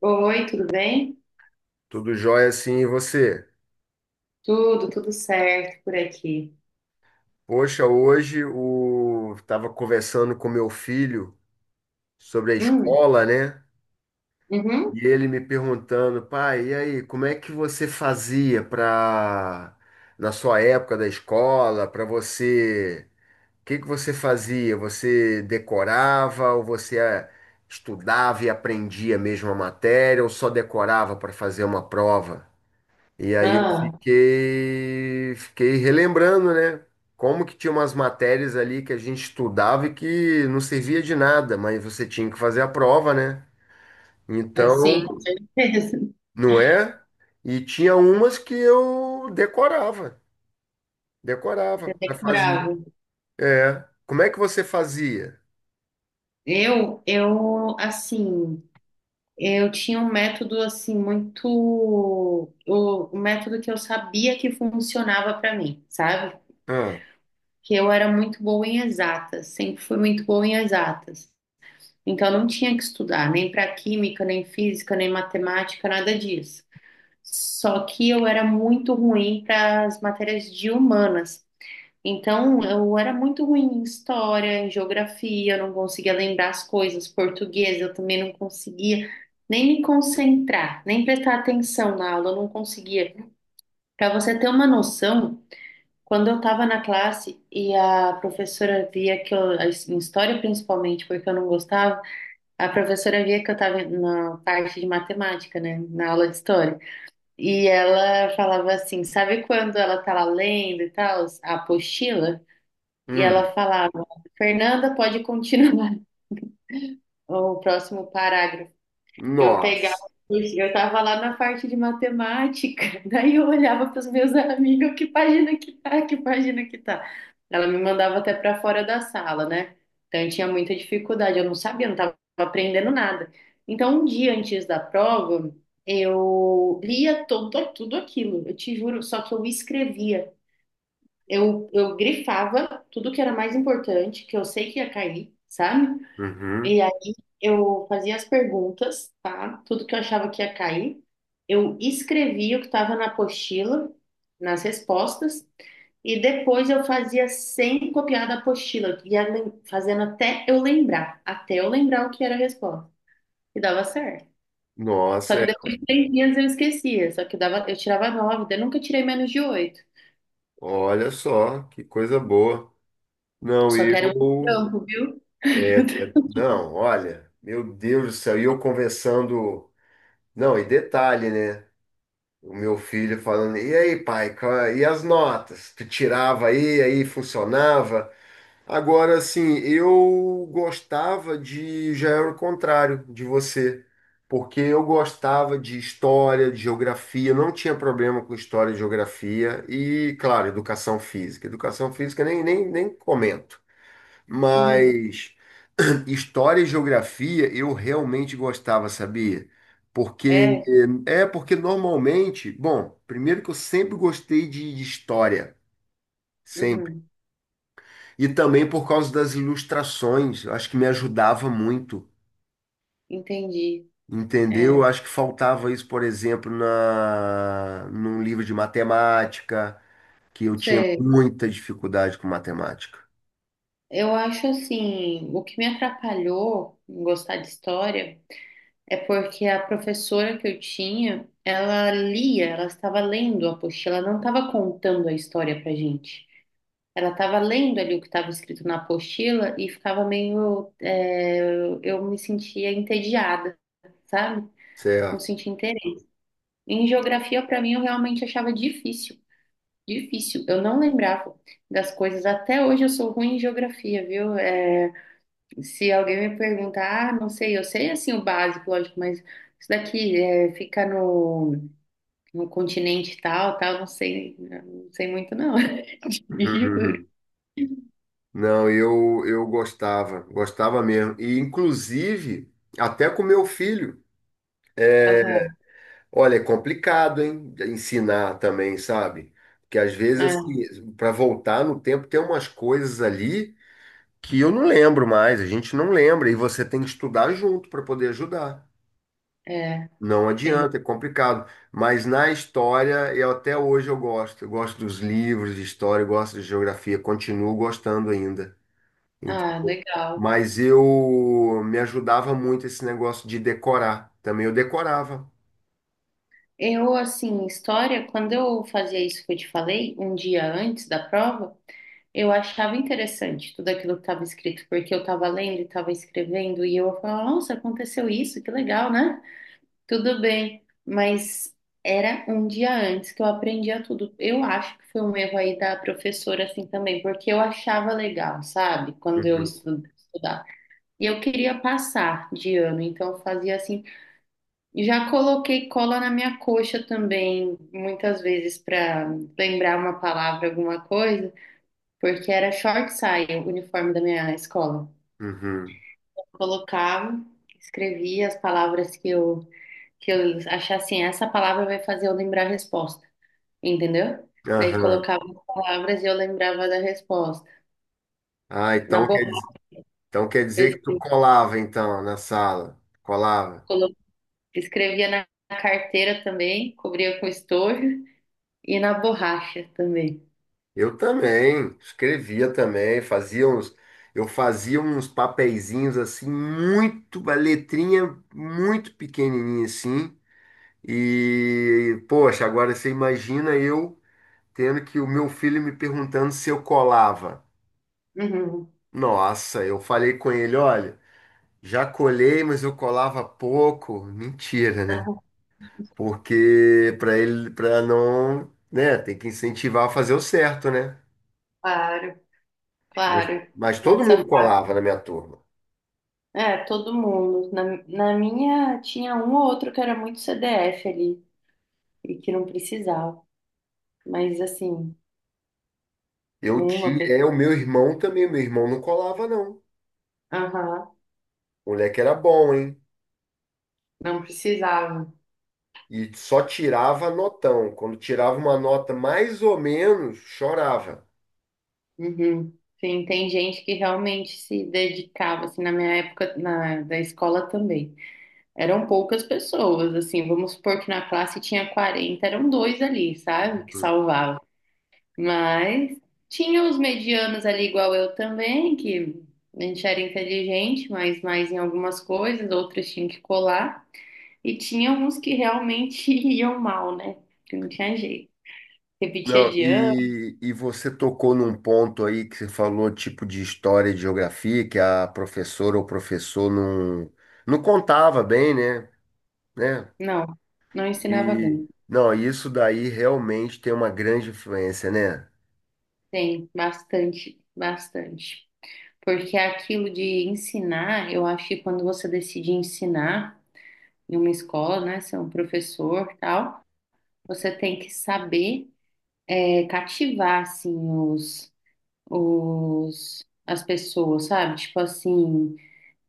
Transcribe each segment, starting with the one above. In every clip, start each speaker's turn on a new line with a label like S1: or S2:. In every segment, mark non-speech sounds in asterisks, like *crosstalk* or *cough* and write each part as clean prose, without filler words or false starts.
S1: Oi, tudo bem?
S2: Tudo jóia assim, e você?
S1: Tudo certo por aqui.
S2: Poxa, hoje o tava conversando com meu filho sobre a
S1: Hum,
S2: escola, né?
S1: uhum.
S2: E ele me perguntando, pai, e aí, como é que você fazia para na sua época da escola, para você, o que que você fazia? Você decorava ou você estudava e aprendia mesmo a matéria ou só decorava para fazer uma prova? E aí eu
S1: Ah,
S2: fiquei relembrando, né? Como que tinha umas matérias ali que a gente estudava e que não servia de nada, mas você tinha que fazer a prova, né?
S1: assim,
S2: Então,
S1: com certeza, *laughs*
S2: não é? E tinha umas que eu decorava, decorava para fazer.
S1: memorável.
S2: É. Como é que você fazia?
S1: Eu, assim, eu tinha um método, assim, muito. O método que eu sabia que funcionava para mim, sabe?
S2: Ah,
S1: Que eu era muito boa em exatas, sempre fui muito boa em exatas. Então, eu não tinha que estudar nem para química, nem física, nem matemática, nada disso. Só que eu era muito ruim para as matérias de humanas. Então, eu era muito ruim em história, em geografia, eu não conseguia lembrar as coisas, português, eu também não conseguia nem me concentrar, nem prestar atenção na aula, eu não conseguia. Para você ter uma noção, quando eu estava na classe e a professora via que eu, em história principalmente, porque eu não gostava, a professora via que eu estava na parte de matemática, né, na aula de história. E ela falava assim, sabe quando ela tá lá lendo e tal, a apostila? E ela
S2: hum,
S1: falava, Fernanda, pode continuar *laughs* o próximo parágrafo. Eu pegava,
S2: nossa.
S1: eu estava lá na parte de matemática, *laughs* daí eu olhava pros meus amigos, que página que tá, que página que tá. Ela me mandava até para fora da sala, né? Então eu tinha muita dificuldade, eu não sabia, eu não estava aprendendo nada. Então, um dia antes da prova, eu lia todo tudo aquilo, eu te juro, só que eu escrevia, eu grifava tudo que era mais importante, que eu sei que ia cair, sabe?
S2: Uhum.
S1: E aí eu fazia as perguntas, tá? Tudo que eu achava que ia cair. Eu escrevia o que estava na apostila, nas respostas, e depois eu fazia sem copiar da apostila, ia fazendo até eu lembrar o que era a resposta. E dava certo. Só
S2: Nossa,
S1: que
S2: é.
S1: depois de 3 dias eu esquecia, só que dava, eu tirava nove, daí eu nunca tirei menos de oito.
S2: Olha só, que coisa boa. Não,
S1: Só
S2: eu
S1: que era um trampo, viu?
S2: é, é-
S1: *laughs*
S2: não, olha, meu Deus do céu, e eu conversando. Não, e detalhe, né? O meu filho falando, e aí, pai, ca- e as notas? Tu tirava aí, aí funcionava. Agora, assim, eu gostava de. Já era o contrário de você, porque eu gostava de história, de geografia, não tinha problema com história e geografia, e, claro, educação física. Educação física nem, nem, nem comento.
S1: Uhum.
S2: Mas. História e geografia eu realmente gostava, sabia? Porque
S1: É,
S2: é porque normalmente, bom, primeiro que eu sempre gostei de história, sempre.
S1: uhum.
S2: E também por causa das ilustrações, eu acho que me ajudava muito,
S1: Entendi.
S2: entendeu?
S1: É.
S2: Eu acho que faltava isso, por exemplo, na num livro de matemática, que eu tinha
S1: Sei.
S2: muita dificuldade com matemática.
S1: Eu acho assim, o que me atrapalhou em gostar de história é porque a professora que eu tinha, ela lia, ela estava lendo a apostila, ela não estava contando a história pra gente. Ela estava lendo ali o que estava escrito na apostila e ficava meio, é, eu me sentia entediada, sabe? Não
S2: Certo.
S1: sentia interesse. Em geografia, pra mim, eu realmente achava difícil, difícil. Eu não lembrava das coisas. Até hoje eu sou ruim em geografia, viu? É, se alguém me perguntar, ah, não sei, eu sei assim o básico, lógico, mas isso daqui é, fica no, no continente tal, tal, não sei, não sei muito não, *laughs* juro.
S2: *laughs* Não, eu gostava, gostava mesmo. E, inclusive, até com meu filho.
S1: Aham,
S2: Olha, é complicado, hein? Ensinar também, sabe? Porque às vezes, assim, para voltar no tempo, tem umas coisas ali que eu não lembro mais, a gente não lembra, e você tem que estudar junto para poder ajudar.
S1: é, é,
S2: Não
S1: sim.
S2: adianta, é complicado. Mas na história, eu até hoje eu gosto. Eu gosto dos livros de história, eu gosto de geografia, continuo gostando ainda.
S1: Ah,
S2: Entendeu?
S1: legal.
S2: Mas eu me ajudava muito esse negócio de decorar. Também eu decorava.
S1: Eu, assim, história, quando eu fazia isso que eu te falei, um dia antes da prova, eu achava interessante tudo aquilo que estava escrito, porque eu estava lendo e estava escrevendo, e eu falava, nossa, aconteceu isso, que legal, né? Tudo bem, mas era um dia antes que eu aprendia tudo. Eu acho que foi um erro aí da professora assim também, porque eu achava legal, sabe? Quando eu
S2: Uhum,
S1: estudava. E eu queria passar de ano, então eu fazia assim. Já coloquei cola na minha coxa também, muitas vezes para lembrar uma palavra, alguma coisa, porque era short saia, o uniforme da minha escola.
S2: uhum,
S1: Colocava, escrevia as palavras que eu achar assim, essa palavra vai fazer eu lembrar a resposta, entendeu? Daí
S2: aham.
S1: colocava as palavras e eu lembrava da resposta.
S2: Ah,
S1: Na borracha,
S2: então quer
S1: eu
S2: dizer que tu colava então na sala. Colava.
S1: colo- escrevia na carteira também, cobria com estojo e na borracha também.
S2: Eu também, escrevia também, fazia uns, eu fazia uns papeizinhos assim, muito, uma letrinha muito pequenininha assim. E, poxa, agora você imagina eu tendo que o meu filho me perguntando se eu colava.
S1: Uhum.
S2: Nossa, eu falei com ele, olha, já colhei, mas eu colava pouco. Mentira, né? Porque para ele, para não, né, tem que incentivar a fazer o certo, né?
S1: Claro,
S2: Mas,
S1: claro. E
S2: mas todo
S1: nessa
S2: mundo
S1: fase.
S2: colava na minha turma.
S1: É, todo mundo. Na minha tinha um ou outro que era muito CDF ali e que não precisava. Mas assim,
S2: Eu
S1: uma
S2: tinha,
S1: pessoa.
S2: é o meu irmão também, meu irmão não colava não.
S1: Aham,
S2: O moleque era bom, hein?
S1: não precisava.
S2: E só tirava notão. Quando tirava uma nota mais ou menos, chorava.
S1: Uhum. Sim, tem gente que realmente se dedicava, assim, na minha época da escola também. Eram poucas pessoas, assim, vamos supor que na classe tinha 40, eram dois ali, sabe, que salvavam. Mas tinha os medianos ali, igual eu também, que a gente era inteligente, mas mais em algumas coisas, outros tinham que colar. E tinha uns que realmente *laughs* iam mal, né? Que não tinha jeito. Repetia
S2: Não,
S1: de ano,
S2: e você tocou num ponto aí que você falou, tipo de história e geografia, que a professora ou professor não, não contava bem, né? Né?
S1: não, não ensinava
S2: E,
S1: bem.
S2: não, isso daí realmente tem uma grande influência, né?
S1: Tem bastante, bastante. Porque aquilo de ensinar, eu acho que quando você decide ensinar em uma escola, né, ser um professor, tal, você tem que saber cativar assim os as pessoas, sabe? Tipo assim,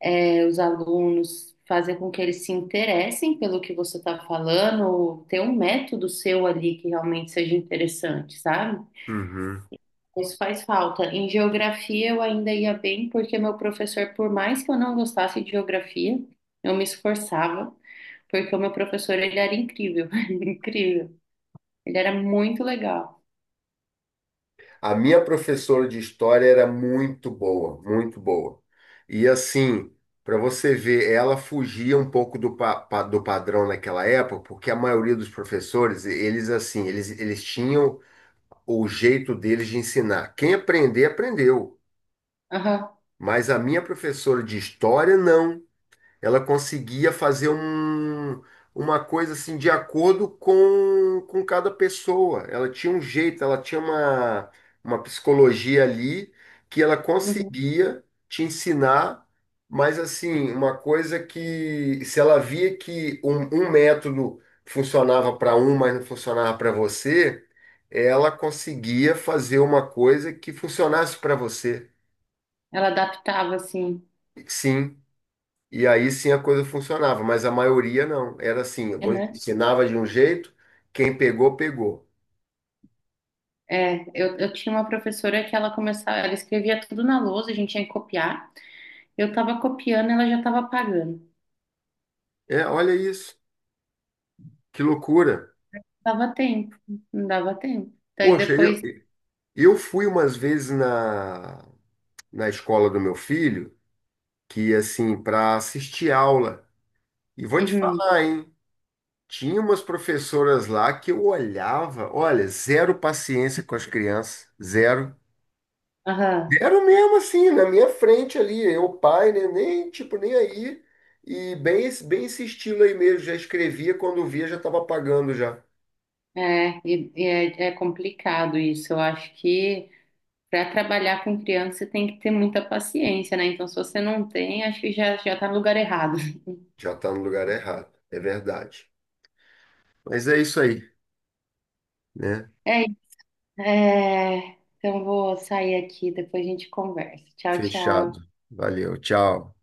S1: os alunos fazer com que eles se interessem pelo que você está falando, ou ter um método seu ali que realmente seja interessante, sabe?
S2: Uhum.
S1: Isso faz falta. Em geografia eu ainda ia bem, porque meu professor, por mais que eu não gostasse de geografia, eu me esforçava, porque o meu professor, ele era incrível, *laughs* incrível. Ele era muito legal.
S2: A minha professora de história era muito boa, muito boa. E assim, para você ver, ela fugia um pouco do, pa- pa- do padrão naquela época, porque a maioria dos professores, eles assim, eles tinham o jeito deles de ensinar. Quem aprender, aprendeu.
S1: Aham,
S2: Mas a minha professora de história, não. Ela conseguia fazer um, uma coisa assim de acordo com cada pessoa. Ela tinha um jeito, ela tinha uma psicologia ali que ela
S1: uhum.
S2: conseguia te ensinar, mas assim, uma coisa que se ela via que um método funcionava para um, mas não funcionava para você, ela conseguia fazer uma coisa que funcionasse para você.
S1: Ela adaptava, assim,
S2: Sim. E aí sim a coisa funcionava, mas a maioria não. Era assim, eu
S1: é, né?
S2: ensinava de um jeito, quem pegou, pegou.
S1: É, eu tinha uma professora que ela começava, ela escrevia tudo na lousa, a gente tinha que copiar. Eu tava copiando, ela já tava apagando.
S2: É, olha isso, que loucura.
S1: Dava tempo, não dava tempo. Daí
S2: Poxa,
S1: depois,
S2: eu fui umas vezes na, na escola do meu filho, que assim, para assistir aula. E vou te
S1: uhum,
S2: falar, hein? Tinha umas professoras lá que eu olhava, olha, zero paciência com as crianças, zero.
S1: aham.
S2: Deram mesmo assim, na minha frente ali, eu, pai, né? Nem, tipo, nem aí. E bem esse estilo aí mesmo, já escrevia, quando via já estava apagando já.
S1: É, e é complicado isso. Eu acho que para trabalhar com criança você tem que ter muita paciência, né? Então, se você não tem, acho que já, já tá no lugar errado. *laughs*
S2: Já tá no lugar errado, é verdade. Mas é isso aí, né?
S1: É, isso. É, então, vou sair aqui, depois a gente conversa. Tchau,
S2: Fechado.
S1: tchau.
S2: Valeu, tchau.